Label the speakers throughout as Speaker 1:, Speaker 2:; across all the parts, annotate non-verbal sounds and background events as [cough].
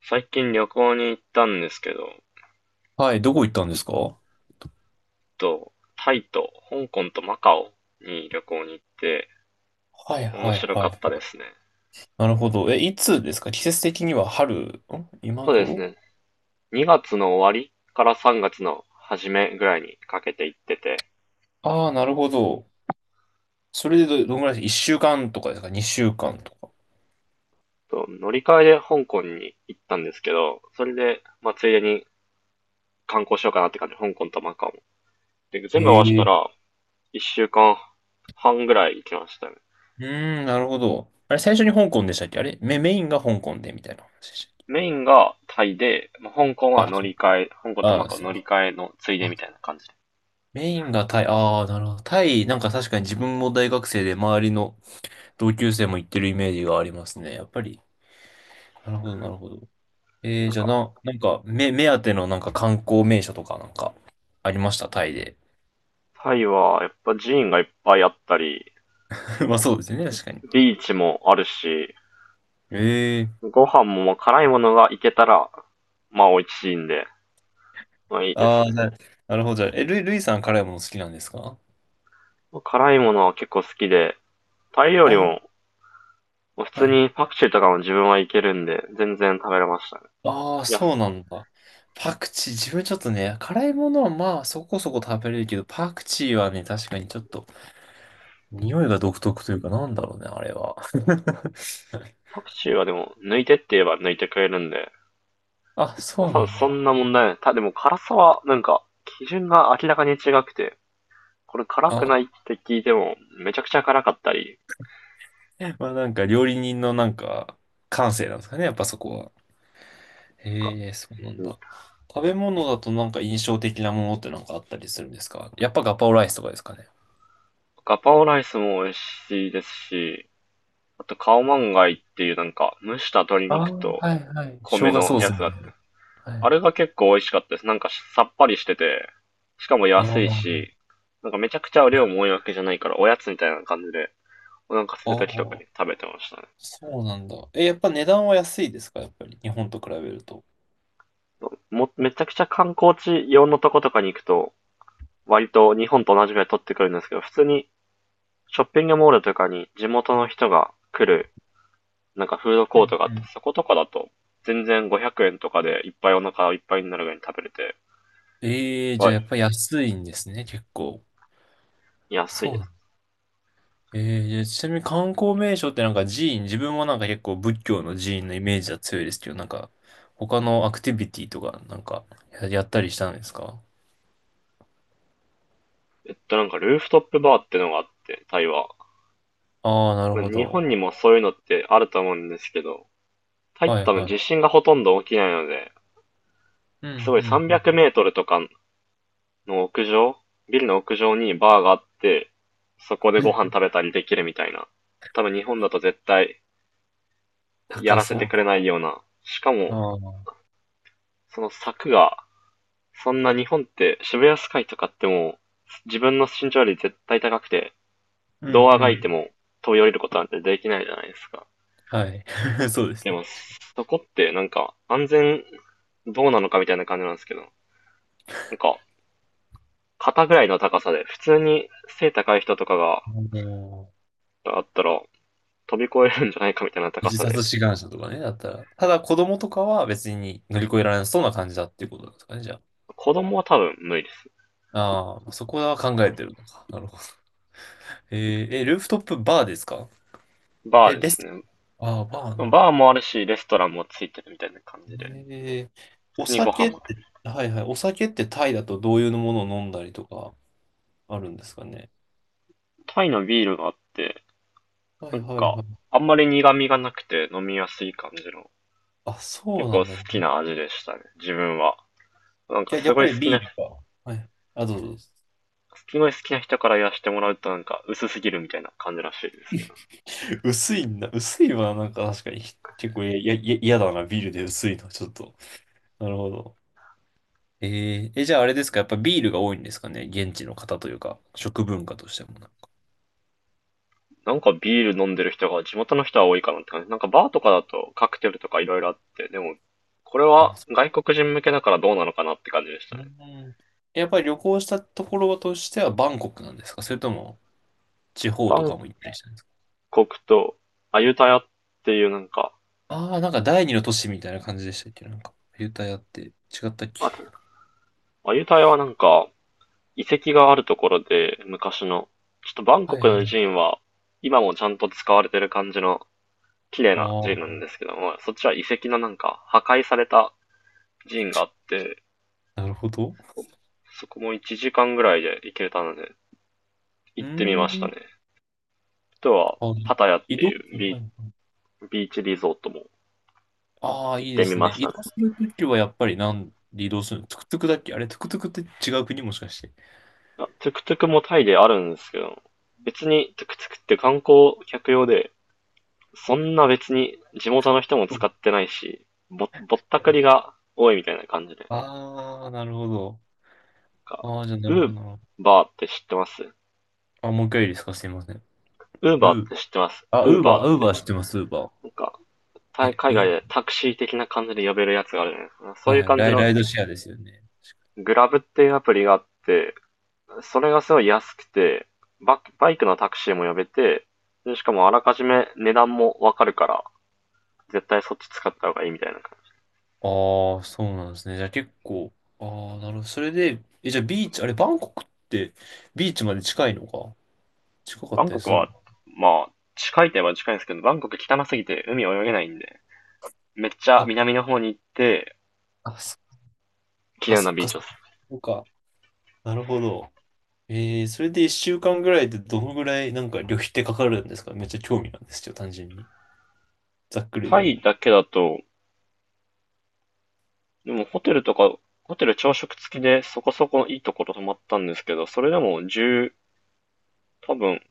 Speaker 1: 最近旅行に行ったんですけど、
Speaker 2: はい、どこ行ったんですか？は
Speaker 1: タイと香港とマカオに旅行に行って
Speaker 2: いはい
Speaker 1: 面白か
Speaker 2: は
Speaker 1: った
Speaker 2: い。
Speaker 1: ですね。
Speaker 2: なるほど。え、いつですか？季節的には春、今
Speaker 1: そうです
Speaker 2: 頃？
Speaker 1: ね。2月の終わりから3月の初めぐらいにかけて行ってて、
Speaker 2: ああー、なるほど。それでどのぐらいです？ 1 週間とかですか？ 2 週間とか。
Speaker 1: 乗り換えで香港に行ったんですけど、それで、まあ、ついでに観光しようかなって感じ、香港とマカオ。で、
Speaker 2: え
Speaker 1: 全部合わせた
Speaker 2: え。
Speaker 1: ら1週間半ぐらい行きましたね。
Speaker 2: うーん、なるほど。あれ、最初に香港でしたっけ？あれメインが香港でみたいな話でしたっけ？
Speaker 1: メインがタイで、まあ香港は
Speaker 2: あ、
Speaker 1: 乗
Speaker 2: そう。
Speaker 1: り換え、香港と
Speaker 2: あ
Speaker 1: マ
Speaker 2: ー、
Speaker 1: カオ
Speaker 2: すい
Speaker 1: 乗
Speaker 2: ませ
Speaker 1: り
Speaker 2: ん。
Speaker 1: 換えのついで
Speaker 2: あ、
Speaker 1: みたいな感じで。
Speaker 2: メインがタイ、ああ、なるほど。タイ、なんか確かに自分も大学生で周りの同級生も行ってるイメージがありますね。やっぱり。なるほど、なるほど。
Speaker 1: なん
Speaker 2: じゃあ
Speaker 1: か、
Speaker 2: なんか、目当てのなんか観光名所とかなんか、ありましたタイで？
Speaker 1: タイは、やっぱ寺院がいっぱいあったり、
Speaker 2: [laughs] まあそうですよね、確かに。
Speaker 1: ビーチもあるし、
Speaker 2: ええ。
Speaker 1: ご飯も辛いものがいけたら、まあ美味しいんで、まあいいで
Speaker 2: あ
Speaker 1: す
Speaker 2: あー、
Speaker 1: ね。
Speaker 2: なるほど。じゃあ、ルイさん辛いもの好きなんですか？
Speaker 1: 辛いものは結構好きで、タイ料
Speaker 2: あ
Speaker 1: 理
Speaker 2: ー、
Speaker 1: も、普通
Speaker 2: はい。
Speaker 1: にパクチーとかも自分はいけるんで、全然食べれましたね。
Speaker 2: ああ、
Speaker 1: いや、
Speaker 2: そうなんだ。パクチー、自分ちょっとね、辛いものはまあそこそこ食べれるけど、パクチーはね、確かにちょっと、匂いが独特というか、なんだろうね、あれは。[laughs]
Speaker 1: パクチーはでも、抜いてって言えば抜いてくれるんで、
Speaker 2: あ、
Speaker 1: まあ
Speaker 2: そう
Speaker 1: 多分
Speaker 2: なん
Speaker 1: そ
Speaker 2: だ。
Speaker 1: んな問題ない。でも辛さは、なんか、基準が明らかに違くて、これ辛くないっ
Speaker 2: あ、
Speaker 1: て聞いても、めちゃくちゃ辛かったり、
Speaker 2: まあなんか料理人のなんか、感性なんですかね、やっぱそこは。
Speaker 1: とか。
Speaker 2: へえ、そうなんだ。食べ物だとなんか印象的なものってなんかあったりするんですか？やっぱガパオライスとかですかね。
Speaker 1: ガパオライスも美味しいですし、あとカオマンガイっていうなんか蒸した鶏
Speaker 2: ああ、
Speaker 1: 肉と
Speaker 2: はいはい。生
Speaker 1: 米
Speaker 2: 姜
Speaker 1: の
Speaker 2: ソー
Speaker 1: や
Speaker 2: ス
Speaker 1: つ
Speaker 2: みた
Speaker 1: が
Speaker 2: い
Speaker 1: あって、
Speaker 2: な。は
Speaker 1: あれ
Speaker 2: い。
Speaker 1: が結構美味しかったです。なんかさっぱりしてて、しかも
Speaker 2: あ
Speaker 1: 安
Speaker 2: ー
Speaker 1: い
Speaker 2: あ
Speaker 1: し、なんかめちゃくちゃ量も多いわけじゃないからおやつみたいな感じでお腹空いた時とか
Speaker 2: ー、
Speaker 1: に食べてましたね。
Speaker 2: そうなんだ。え、やっぱ値段は安いですか？やっぱり日本と比べると。
Speaker 1: めちゃくちゃ観光地用のとことかに行くと、割と日本と同じぐらい取ってくるんですけど、普通にショッピングモールとかに地元の人が来るなんかフード
Speaker 2: う
Speaker 1: コート
Speaker 2: ん
Speaker 1: があ
Speaker 2: う
Speaker 1: って、
Speaker 2: ん。
Speaker 1: そことかだと、全然500円とかでいっぱいお腹いっぱいになるぐらいに食べれて、
Speaker 2: ええ。じゃ
Speaker 1: は
Speaker 2: あや
Speaker 1: い。
Speaker 2: っぱ安いんですね、結構。
Speaker 1: 安い
Speaker 2: そう
Speaker 1: で
Speaker 2: なの。
Speaker 1: す。
Speaker 2: ええ。じゃあちなみに観光名所ってなんか寺院、自分はなんか結構仏教の寺院のイメージは強いですけど、なんか他のアクティビティとかなんかやったりしたんですか？
Speaker 1: なんかルーフトップバーってのがあって、タイは。
Speaker 2: ああ、なるほ
Speaker 1: 日
Speaker 2: ど。
Speaker 1: 本にもそういうのってあると思うんですけど、タイって
Speaker 2: はい
Speaker 1: 多分
Speaker 2: は
Speaker 1: 地
Speaker 2: い。
Speaker 1: 震がほとんど起きないので、
Speaker 2: う
Speaker 1: す
Speaker 2: ん、
Speaker 1: ごい
Speaker 2: うん、
Speaker 1: 300
Speaker 2: う
Speaker 1: メ
Speaker 2: ん。
Speaker 1: ートルとかの屋上、ビルの屋上にバーがあって、そこでご飯食
Speaker 2: [laughs]
Speaker 1: べたりできるみたいな。多分日本だと絶対や
Speaker 2: 高
Speaker 1: らせて
Speaker 2: そう
Speaker 1: く
Speaker 2: だ。
Speaker 1: れないような。しか
Speaker 2: あ
Speaker 1: も、
Speaker 2: あ、
Speaker 1: その柵がそんな日本って渋谷スカイとかってもう自分の身長より絶対高くて、
Speaker 2: うん、う
Speaker 1: どうあがいて
Speaker 2: ん。
Speaker 1: も飛び降りることなんてできないじゃないですか。
Speaker 2: はい。[laughs] そうです
Speaker 1: で
Speaker 2: ね。
Speaker 1: も、そこってなんか安全どうなのかみたいな感じなんですけど、なんか肩ぐらいの高さで、普通に背高い人とかが
Speaker 2: あの
Speaker 1: あったら飛び越えるんじゃないかみたいな高
Speaker 2: 自
Speaker 1: さ
Speaker 2: 殺
Speaker 1: で、
Speaker 2: 志願者とかね、だったら。ただ子供とかは別に乗り越えられなそうな感じだっていうことですかね、じゃ
Speaker 1: 子供は多分無理です。
Speaker 2: あ。ああ、そこは考えてるのか。なるほど。えルーフトップバーですか？
Speaker 1: バー
Speaker 2: レ、
Speaker 1: で
Speaker 2: レス
Speaker 1: す
Speaker 2: ト、
Speaker 1: ね。
Speaker 2: ああ、バーな。
Speaker 1: バーもあるし、レストランもついてるみたいな感じで、
Speaker 2: えー、
Speaker 1: 普
Speaker 2: お
Speaker 1: 通にご飯
Speaker 2: 酒っ
Speaker 1: も。
Speaker 2: て、はいはい、お酒ってタイだとどういうものを飲んだりとかあるんですかね。
Speaker 1: タイのビールがあって、
Speaker 2: は
Speaker 1: な
Speaker 2: い
Speaker 1: ん
Speaker 2: はい
Speaker 1: か、
Speaker 2: はい。
Speaker 1: あんまり苦味がなくて飲みやすい感じの、
Speaker 2: あ、そ
Speaker 1: 結
Speaker 2: うな
Speaker 1: 構
Speaker 2: ん
Speaker 1: 好
Speaker 2: だ。
Speaker 1: きな味でしたね、自分は。なんか
Speaker 2: やっぱりビールか。はい。あ、どうぞどうぞ。
Speaker 1: すごい好きな人からやしてもらうとなんか薄すぎるみたいな感じらしいですけど。
Speaker 2: [laughs] 薄いんだ。薄いはなんか確かに結構や嫌だな。ビールで薄いの。ちょっと。なるほど。じゃああれですか。やっぱビールが多いんですかね。現地の方というか、食文化としてもなんか。
Speaker 1: なんかビール飲んでる人が地元の人は多いかなって感じ。なんかバーとかだとカクテルとかいろいろあって、でも、これ
Speaker 2: あ、
Speaker 1: は外国人向けだからどうなのかなって感じでしたね。
Speaker 2: うん。やっぱり旅行したところとしてはバンコクなんですか？それとも地方
Speaker 1: バ
Speaker 2: と
Speaker 1: ン
Speaker 2: かも行ったりしたんですか？
Speaker 1: コクとアユタヤっていうなんか、
Speaker 2: ああー、なんか第二の都市みたいな感じでしたっけ？なんか、ユタヤって違ったっけ？
Speaker 1: あと、アユタヤはなんか、遺跡があるところで、昔の。ちょっとバン
Speaker 2: は
Speaker 1: コ
Speaker 2: い
Speaker 1: ク
Speaker 2: は
Speaker 1: の寺
Speaker 2: い。
Speaker 1: 院は、今もちゃんと使われてる感じの綺麗な寺院な
Speaker 2: あ
Speaker 1: んですけども、そっちは遺跡のなんか破壊された寺院があって、
Speaker 2: あ、なるほど。
Speaker 1: そこも1時間ぐらいで行けたので、
Speaker 2: う
Speaker 1: 行ってみ
Speaker 2: ー
Speaker 1: ましたね。
Speaker 2: ん。
Speaker 1: あとは、
Speaker 2: あ、
Speaker 1: パタヤっ
Speaker 2: 移
Speaker 1: て
Speaker 2: 動、
Speaker 1: いう
Speaker 2: はいはい。
Speaker 1: ビーチリゾートも
Speaker 2: ああ、
Speaker 1: 行
Speaker 2: い
Speaker 1: っ
Speaker 2: い
Speaker 1: て
Speaker 2: で
Speaker 1: み
Speaker 2: す
Speaker 1: ま
Speaker 2: ね。
Speaker 1: した
Speaker 2: 移
Speaker 1: ね。
Speaker 2: 動するときはやっぱりなんで移動するの？トゥクトゥクだっけ？あれ、トゥクトゥクって違う国もしかして？
Speaker 1: トゥクトゥクもタイであるんですけど、別にトゥクトゥクって観光客用で、そんな別に地元の人も使ってないし、ぼったくりが多いみたいな感じで。なん
Speaker 2: ああー、なるほど。
Speaker 1: か、
Speaker 2: ああ、じゃあなる
Speaker 1: ウ
Speaker 2: ほ
Speaker 1: ー
Speaker 2: どな。
Speaker 1: バーって知ってます？
Speaker 2: あ、もう一回いいですか？すいません。ルー。あ、ウ
Speaker 1: ウー
Speaker 2: ー
Speaker 1: バー
Speaker 2: バー、
Speaker 1: っ
Speaker 2: ウーバー
Speaker 1: て。
Speaker 2: 知ってます、ウーバ
Speaker 1: なんか、
Speaker 2: ー。
Speaker 1: 海
Speaker 2: え、ウ
Speaker 1: 外
Speaker 2: ー、
Speaker 1: でタクシー的な感じで呼べるやつがあるじゃないですか。そういう
Speaker 2: はい、
Speaker 1: 感じの
Speaker 2: ライドシェアですよね。
Speaker 1: グラブっていうアプリがあって、それがすごい安くて、バイクのタクシーも呼べて、でしかもあらかじめ値段もわかるから、絶対そっち使った方がいいみたいな。
Speaker 2: ああ、そうなんですね。じゃあ結構、ああ、なるほど。それで、じゃあビーチ、あれ、バンコクってビーチまで近いのか、近か
Speaker 1: バ
Speaker 2: っ
Speaker 1: ン
Speaker 2: た
Speaker 1: コ
Speaker 2: り
Speaker 1: ク
Speaker 2: する
Speaker 1: は、
Speaker 2: の？
Speaker 1: まあ、近いといえば近いんですけど、バンコク汚すぎて海泳げないんで、めっちゃ
Speaker 2: あ、
Speaker 1: 南の方に行って、
Speaker 2: あ、そ、
Speaker 1: 綺
Speaker 2: あ、
Speaker 1: 麗
Speaker 2: そ
Speaker 1: な
Speaker 2: っ
Speaker 1: ビー
Speaker 2: か、
Speaker 1: チ
Speaker 2: そ
Speaker 1: です。
Speaker 2: っか。なるほど。それで一週間ぐらいでどのぐらいなんか旅費ってかかるんですか？めっちゃ興味なんですよ、単純に。ざっくり
Speaker 1: タ
Speaker 2: で
Speaker 1: イ
Speaker 2: も。
Speaker 1: だけだと、でもホテルとか、ホテル朝食付きでそこそこいいところ泊まったんですけど、それでも10、多分、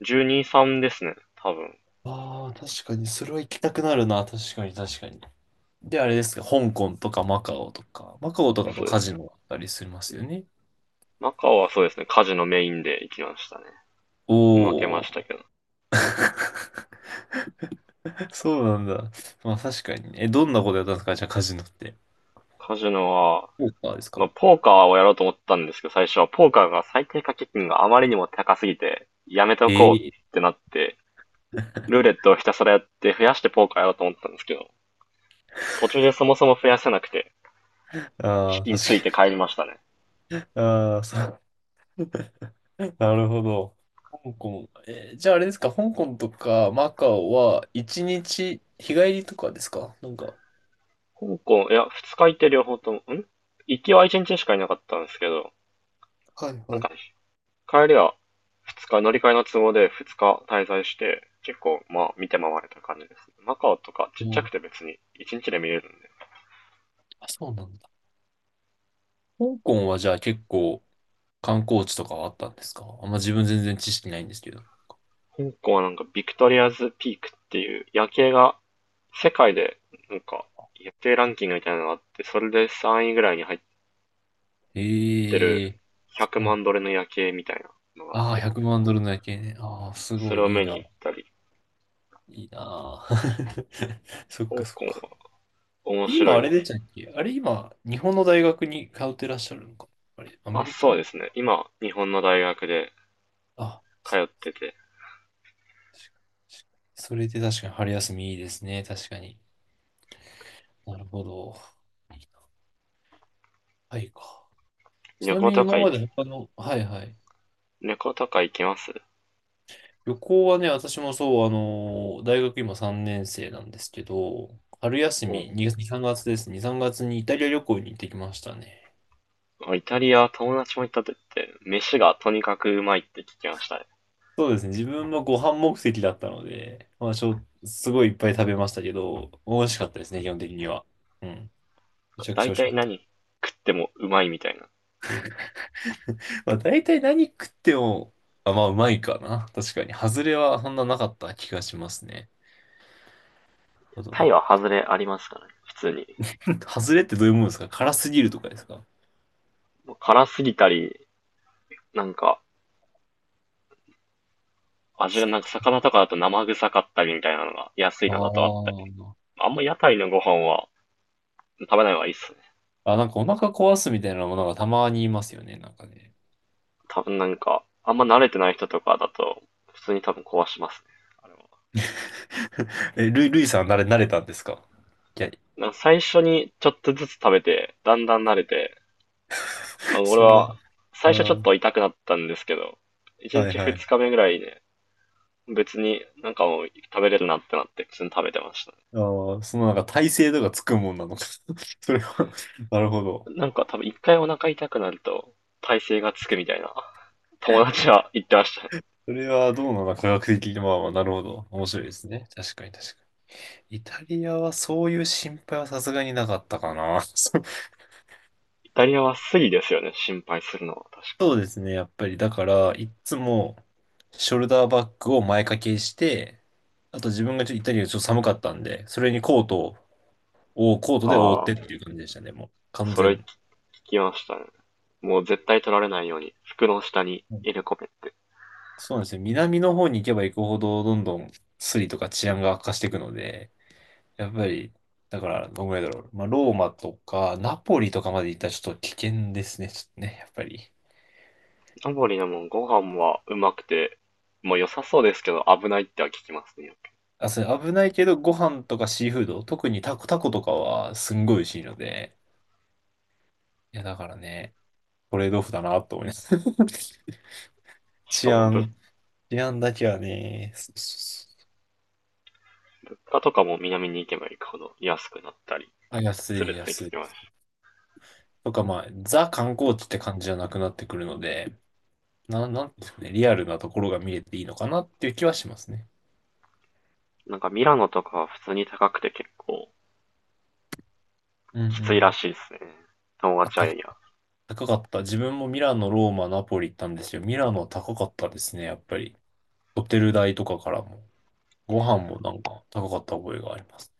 Speaker 1: 12、3ですね。多分。
Speaker 2: ああ、確かに、それは行きたくなるな、確かに、確かに。で、あれですか、香港とかマカオとか、マカオとかと
Speaker 1: そうで
Speaker 2: カ
Speaker 1: す。
Speaker 2: ジノだったりしますよね。
Speaker 1: マカオはそうですね、カジノメインで行きましたね。負け
Speaker 2: お
Speaker 1: まし
Speaker 2: お。
Speaker 1: たけど。
Speaker 2: [laughs] そうなんだ。まあ確かにね。え、どんなことやったんですか？じゃあカジノって。
Speaker 1: カジノは、
Speaker 2: ポーカーです
Speaker 1: まあ、
Speaker 2: か？
Speaker 1: ポーカーをやろうと思ったんですけど、最初はポーカーが最低掛け金があまりにも高すぎて、やめと
Speaker 2: え
Speaker 1: こう
Speaker 2: え
Speaker 1: っ
Speaker 2: ー。
Speaker 1: てなって、ルーレットをひたすらやって増やしてポーカーやろうと思ったんですけど、途中でそもそも増やせなくて、資
Speaker 2: ああー、
Speaker 1: 金つい
Speaker 2: 確
Speaker 1: て
Speaker 2: か
Speaker 1: 帰りましたね。
Speaker 2: に。ああ、そう。なるほど。香港。じゃああれですか、香港とかマカオは一日日帰りとかですかなんか。
Speaker 1: 香港、いや、二日いて両方とも、行きは一日しかいなかったんですけど、
Speaker 2: はい
Speaker 1: なん
Speaker 2: は
Speaker 1: か、
Speaker 2: い。
Speaker 1: 帰りは二日、乗り換えの都合で二日滞在して、結構、まあ、見て回れた感じです。マカオとかちっ
Speaker 2: う
Speaker 1: ちゃく
Speaker 2: ん。
Speaker 1: て別に一日で見れるんで、
Speaker 2: あ、そうなんだ。香港はじゃあ結構観光地とかはあったんですか？あんま自分全然知識ないんですけど。
Speaker 1: 香港はなんかビクトリアズピークっていう夜景が世界でなんか夜景ランキングみたいなのがあって、それで3位ぐらいに入ってる
Speaker 2: ええ。そ
Speaker 1: 100
Speaker 2: うなん
Speaker 1: 万ドルの夜景みたいなのがあっ
Speaker 2: ああ、
Speaker 1: て、
Speaker 2: 100万ドルの夜景ね。ああ、す
Speaker 1: そ
Speaker 2: ご
Speaker 1: れ
Speaker 2: い
Speaker 1: を
Speaker 2: いい
Speaker 1: 見に
Speaker 2: な。
Speaker 1: 行ったり、
Speaker 2: いいなあ。[laughs] そっ
Speaker 1: 香
Speaker 2: かそっ
Speaker 1: 港
Speaker 2: か。
Speaker 1: は面
Speaker 2: 今
Speaker 1: 白
Speaker 2: あ
Speaker 1: い
Speaker 2: れ
Speaker 1: で
Speaker 2: で
Speaker 1: す
Speaker 2: し
Speaker 1: ね。
Speaker 2: たっけ？あれ今、日本の大学に通ってらっしゃるのか、あれ、ア
Speaker 1: あ、
Speaker 2: メリ
Speaker 1: そう
Speaker 2: カ？
Speaker 1: ですね。今、日本の大学で
Speaker 2: あ、
Speaker 1: 通ってて、
Speaker 2: 確かに。それで確かに春休みいいですね。確かに。なるほど。はいか。ち
Speaker 1: 旅
Speaker 2: な
Speaker 1: 行
Speaker 2: みに
Speaker 1: とか
Speaker 2: 今
Speaker 1: 行
Speaker 2: ま
Speaker 1: き、
Speaker 2: で他の、はいはい。
Speaker 1: 旅行とか行きます？
Speaker 2: 旅行はね、私もそう、大学今3年生なんですけど、春休
Speaker 1: うん。
Speaker 2: み2 3月です。2、3月にイタリア旅行に行ってきましたね。
Speaker 1: イタリア、友達も行ったって言って、飯がとにかくうまいって聞きましたね。
Speaker 2: そうですね。自分もご飯目的だったので、まあ、すごいいっぱい食べましたけど、美味しかったですね、基本的には。うん。めちゃくち
Speaker 1: だ
Speaker 2: ゃ美
Speaker 1: い
Speaker 2: 味し
Speaker 1: た
Speaker 2: か
Speaker 1: い
Speaker 2: った。
Speaker 1: 何食ってもうまいみたいな。
Speaker 2: まあ、大体何食っても、あ、まあ、うまいかな。確かに。外れはそんななかった気がしますね。なるほど
Speaker 1: タイ
Speaker 2: な。
Speaker 1: は外れありますからね、普通に。
Speaker 2: [laughs] 外れってどういうものですか？辛すぎるとかですか？
Speaker 1: もう辛すぎたり、なんか、味が
Speaker 2: さ
Speaker 1: なんか魚とかだと生臭かったりみたいなのが安い
Speaker 2: あ
Speaker 1: のだとあったり。
Speaker 2: ー
Speaker 1: あんま屋台のご飯は食べない方がいいっすね。
Speaker 2: あ、なんかお腹壊すみたいなものがたまにいますよね。なんかね。
Speaker 1: 多分なんか、あんま慣れてない人とかだと、普通に多分壊しますね。あれは。
Speaker 2: [laughs] え、ルイさん慣れたんですか？いや、
Speaker 1: なんか最初にちょっとずつ食べて、だんだん慣れて、
Speaker 2: [laughs]
Speaker 1: 俺
Speaker 2: そんな、あ
Speaker 1: は最初ちょっ
Speaker 2: ー、
Speaker 1: と痛くなったんですけど、1
Speaker 2: はい
Speaker 1: 日
Speaker 2: は
Speaker 1: 2
Speaker 2: い。
Speaker 1: 日目ぐらいで、ね別になんかもう食べれるなってなって、普通に食べてました。
Speaker 2: あー、そのなんか耐性とかつくもんなのか。[laughs] それは [laughs] なるほど。
Speaker 1: なんか多分一回お腹痛くなると耐性がつくみたいな友達は言ってましたね。
Speaker 2: それはどうなの科学的に、まあまあ、なるほど。面白いですね。確かに確かに。イタリアはそういう心配はさすがになかったかな。[laughs] そう
Speaker 1: イタリアはスリですよね、心配するのは確か。
Speaker 2: ですね、やっぱり。だから、いっつも、ショルダーバッグを前掛けして、あと自分がちょっとイタリアちょっと寒かったんで、それにコート
Speaker 1: あ
Speaker 2: で覆ってっていう感じでしたね、もう。
Speaker 1: あ、
Speaker 2: 完
Speaker 1: それ聞
Speaker 2: 全。
Speaker 1: きましたね。もう絶対取られないように服の下に
Speaker 2: うん。
Speaker 1: 入れ込めって。
Speaker 2: そうなんですよ。南の方に行けば行くほど、どんどんスリとか治安が悪化していくので、やっぱり、だから、どんぐらいだろう。まあ、ローマとか、ナポリとかまで行ったらちょっと危険ですね、ちょっとね、やっぱり。
Speaker 1: ナポリのもんご飯はうまくて、もう良さそうですけど危ないっては聞きますね。
Speaker 2: あ、それ危ないけど、ご飯とかシーフード、特にタコとかはすんごい美味しいので、いや、だからね、トレードオフだなと思います。[laughs]
Speaker 1: しか
Speaker 2: 治
Speaker 1: も物
Speaker 2: 安、治安だけはね、そうそうそ
Speaker 1: 価とかも南に行けば行くほど安くなったり
Speaker 2: う、あ、安
Speaker 1: す
Speaker 2: い、
Speaker 1: るって聞
Speaker 2: 安い。
Speaker 1: きまし
Speaker 2: とか、まあ、ザ観光地って感じじゃなくなってくるので、なんていうんですかね、リアルなところが見れていいのかなっていう気はしますね。
Speaker 1: た。なんかミラノとかは普通に高くて結構
Speaker 2: うんう
Speaker 1: きついら
Speaker 2: ん。
Speaker 1: しいですね。友
Speaker 2: あ、
Speaker 1: 達は
Speaker 2: 高かった。自分もミラノ、ローマ、ナポリ行ったんですよ。ミラノは高かったですね、やっぱり。ホテル代とかからも。ご飯もなんか高かった覚えがあります。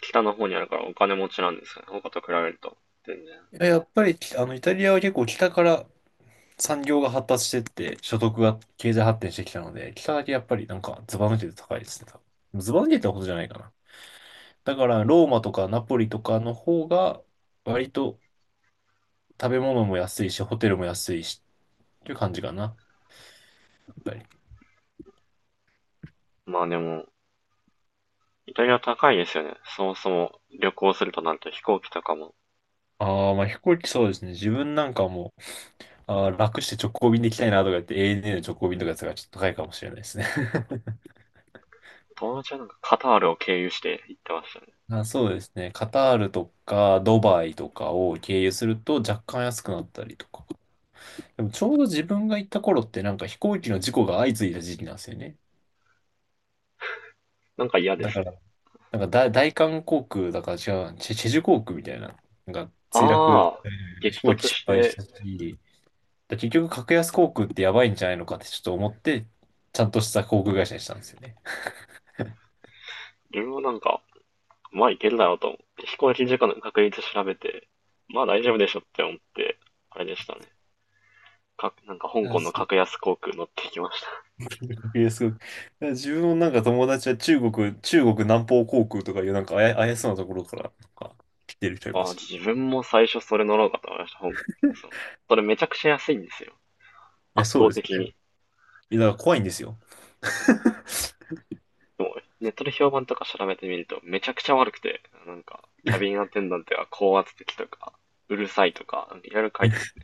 Speaker 1: 北の方にあるからお金持ちなんですよね。他と比べると。全然。
Speaker 2: いや、やっぱり、あの、イタリアは結構北から産業が発達してって、所得が経済発展してきたので、北だけやっぱりなんかズバ抜けて高いですね、多分。ズバ抜けてほどじゃないかな。だから、ローマとかナポリとかの方が、割と食べ物も安いし、ホテルも安いし、っていう感じかな、やっぱり。
Speaker 1: まあでも、イタリア高いですよね。そもそも旅行するとなると飛行機とかも。
Speaker 2: ああ、まあ飛行機そうですね。自分なんかもう、あー楽して直行便で行きたいなとか言って、ANA の直行便とかやつがちょっと高いかもしれないですね。
Speaker 1: 友達はなんかカタールを経由して行ってましたね。
Speaker 2: あ、そうですね。カタールとかドバイとかを経由すると若干安くなったりとか。でもちょうど自分が行った頃って飛行機の事故が相次いだ時期なんですよね。
Speaker 1: なんか嫌で
Speaker 2: だか
Speaker 1: すね。
Speaker 2: ら、大韓航空だから違うな、チェジュ航空みたいな、なんか墜落、
Speaker 1: ああ、
Speaker 2: 飛
Speaker 1: 激
Speaker 2: 行機
Speaker 1: 突
Speaker 2: 失
Speaker 1: し
Speaker 2: 敗し
Speaker 1: て、
Speaker 2: たし、だ結局格安航空ってやばいんじゃないのかってちょっと思って、ちゃんとした航空会社にしたんですよね。
Speaker 1: 自分はなんか、まあ行けるだろうと思って、飛行機事故の確率調べて、まあ大丈夫でしょって思って、あれでしたね。なんか香
Speaker 2: あ、
Speaker 1: 港の
Speaker 2: そう、
Speaker 1: 格安航空乗ってきまし
Speaker 2: えすごい。だから自分のなんか友達は中国南方航空とかいうなんかあや、怪しそうなところからなんか来てる人い
Speaker 1: た。
Speaker 2: ま
Speaker 1: ああ、
Speaker 2: す
Speaker 1: 自
Speaker 2: よ。
Speaker 1: 分も最初それ乗ろうかと思いました。そう。それめちゃくちゃ安いんですよ。
Speaker 2: いや、
Speaker 1: 圧
Speaker 2: そう
Speaker 1: 倒
Speaker 2: です
Speaker 1: 的
Speaker 2: ね。
Speaker 1: に。
Speaker 2: いや、だから怖いんですよ。[laughs]
Speaker 1: もうネットで評判とか調べてみると、めちゃくちゃ悪くて、なんか、キャビンアテンダントは高圧的とか、うるさいとか、いろいろ書いてある。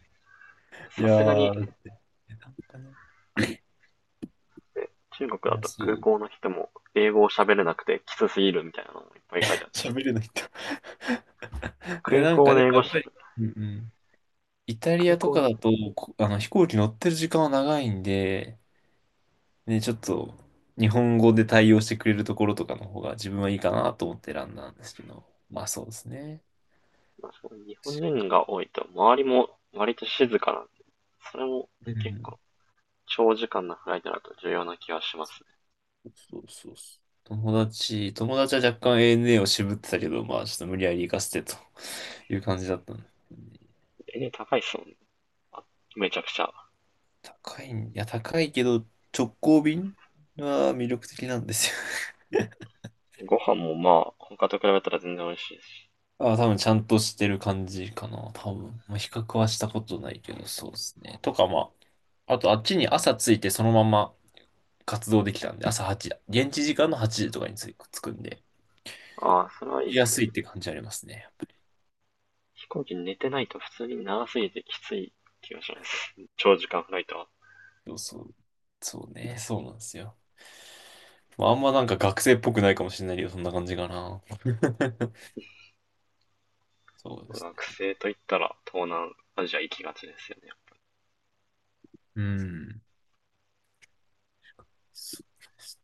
Speaker 2: い
Speaker 1: さ
Speaker 2: や
Speaker 1: すがに、
Speaker 2: ー、なんかね、
Speaker 1: ね中国
Speaker 2: い
Speaker 1: だ
Speaker 2: や、
Speaker 1: と空
Speaker 2: そう、
Speaker 1: 港の人も英語を喋れなくてきつすぎるみたいなのもいっぱい書いてあって。い
Speaker 2: 喋れないん、
Speaker 1: や
Speaker 2: いや、
Speaker 1: 空
Speaker 2: なん
Speaker 1: 港
Speaker 2: かで
Speaker 1: で英
Speaker 2: も
Speaker 1: 語
Speaker 2: やっ
Speaker 1: し、
Speaker 2: ぱり、うんうん。イタリ
Speaker 1: 空
Speaker 2: アと
Speaker 1: 港
Speaker 2: か
Speaker 1: に、
Speaker 2: だと、こあの、飛行機乗ってる時間は長いんで、ね、ちょっと、日本語で対応してくれるところとかの方が自分はいいかなと思って選んだんですけど、まあそうですね。
Speaker 1: まあ、日本人が多いと、周りも割と静かなんで、それも
Speaker 2: う
Speaker 1: 結
Speaker 2: ん、
Speaker 1: 構、長時間のフライトだと重要な気がしますね。
Speaker 2: そうそうそう。友達は若干 ANA を渋ってたけど、まあちょっと無理やり行かせてという感じだったんだよね。
Speaker 1: 高いっすもんね。めちゃくちゃ。
Speaker 2: 高いん、いや高いけど直行便は魅力的なんですよ。 [laughs]
Speaker 1: ご飯もまあ、他と比べたら全然美味しいし。
Speaker 2: あ、多分ちゃんとしてる感じかな、多分。まあ、比較はしたことないけど、そうですね。とかまあ、あとあっちに朝着いてそのまま活動できたんで、朝8時、現地時間の8時とかに着くんで、行
Speaker 1: ああ、それはいいっ
Speaker 2: きや
Speaker 1: すね。
Speaker 2: すいって感じありますね。
Speaker 1: 飛行機寝てないと普通に長すぎてきつい気がします。長時間フライトは。
Speaker 2: そうそう。そうね、そうなんですよ。まあ、あんまなんか学生っぽくないかもしれないけど、そんな感じかな。[laughs] そうです
Speaker 1: 学
Speaker 2: ね。
Speaker 1: 生といったら東南アジア行きがちですよね。
Speaker 2: うん。そうです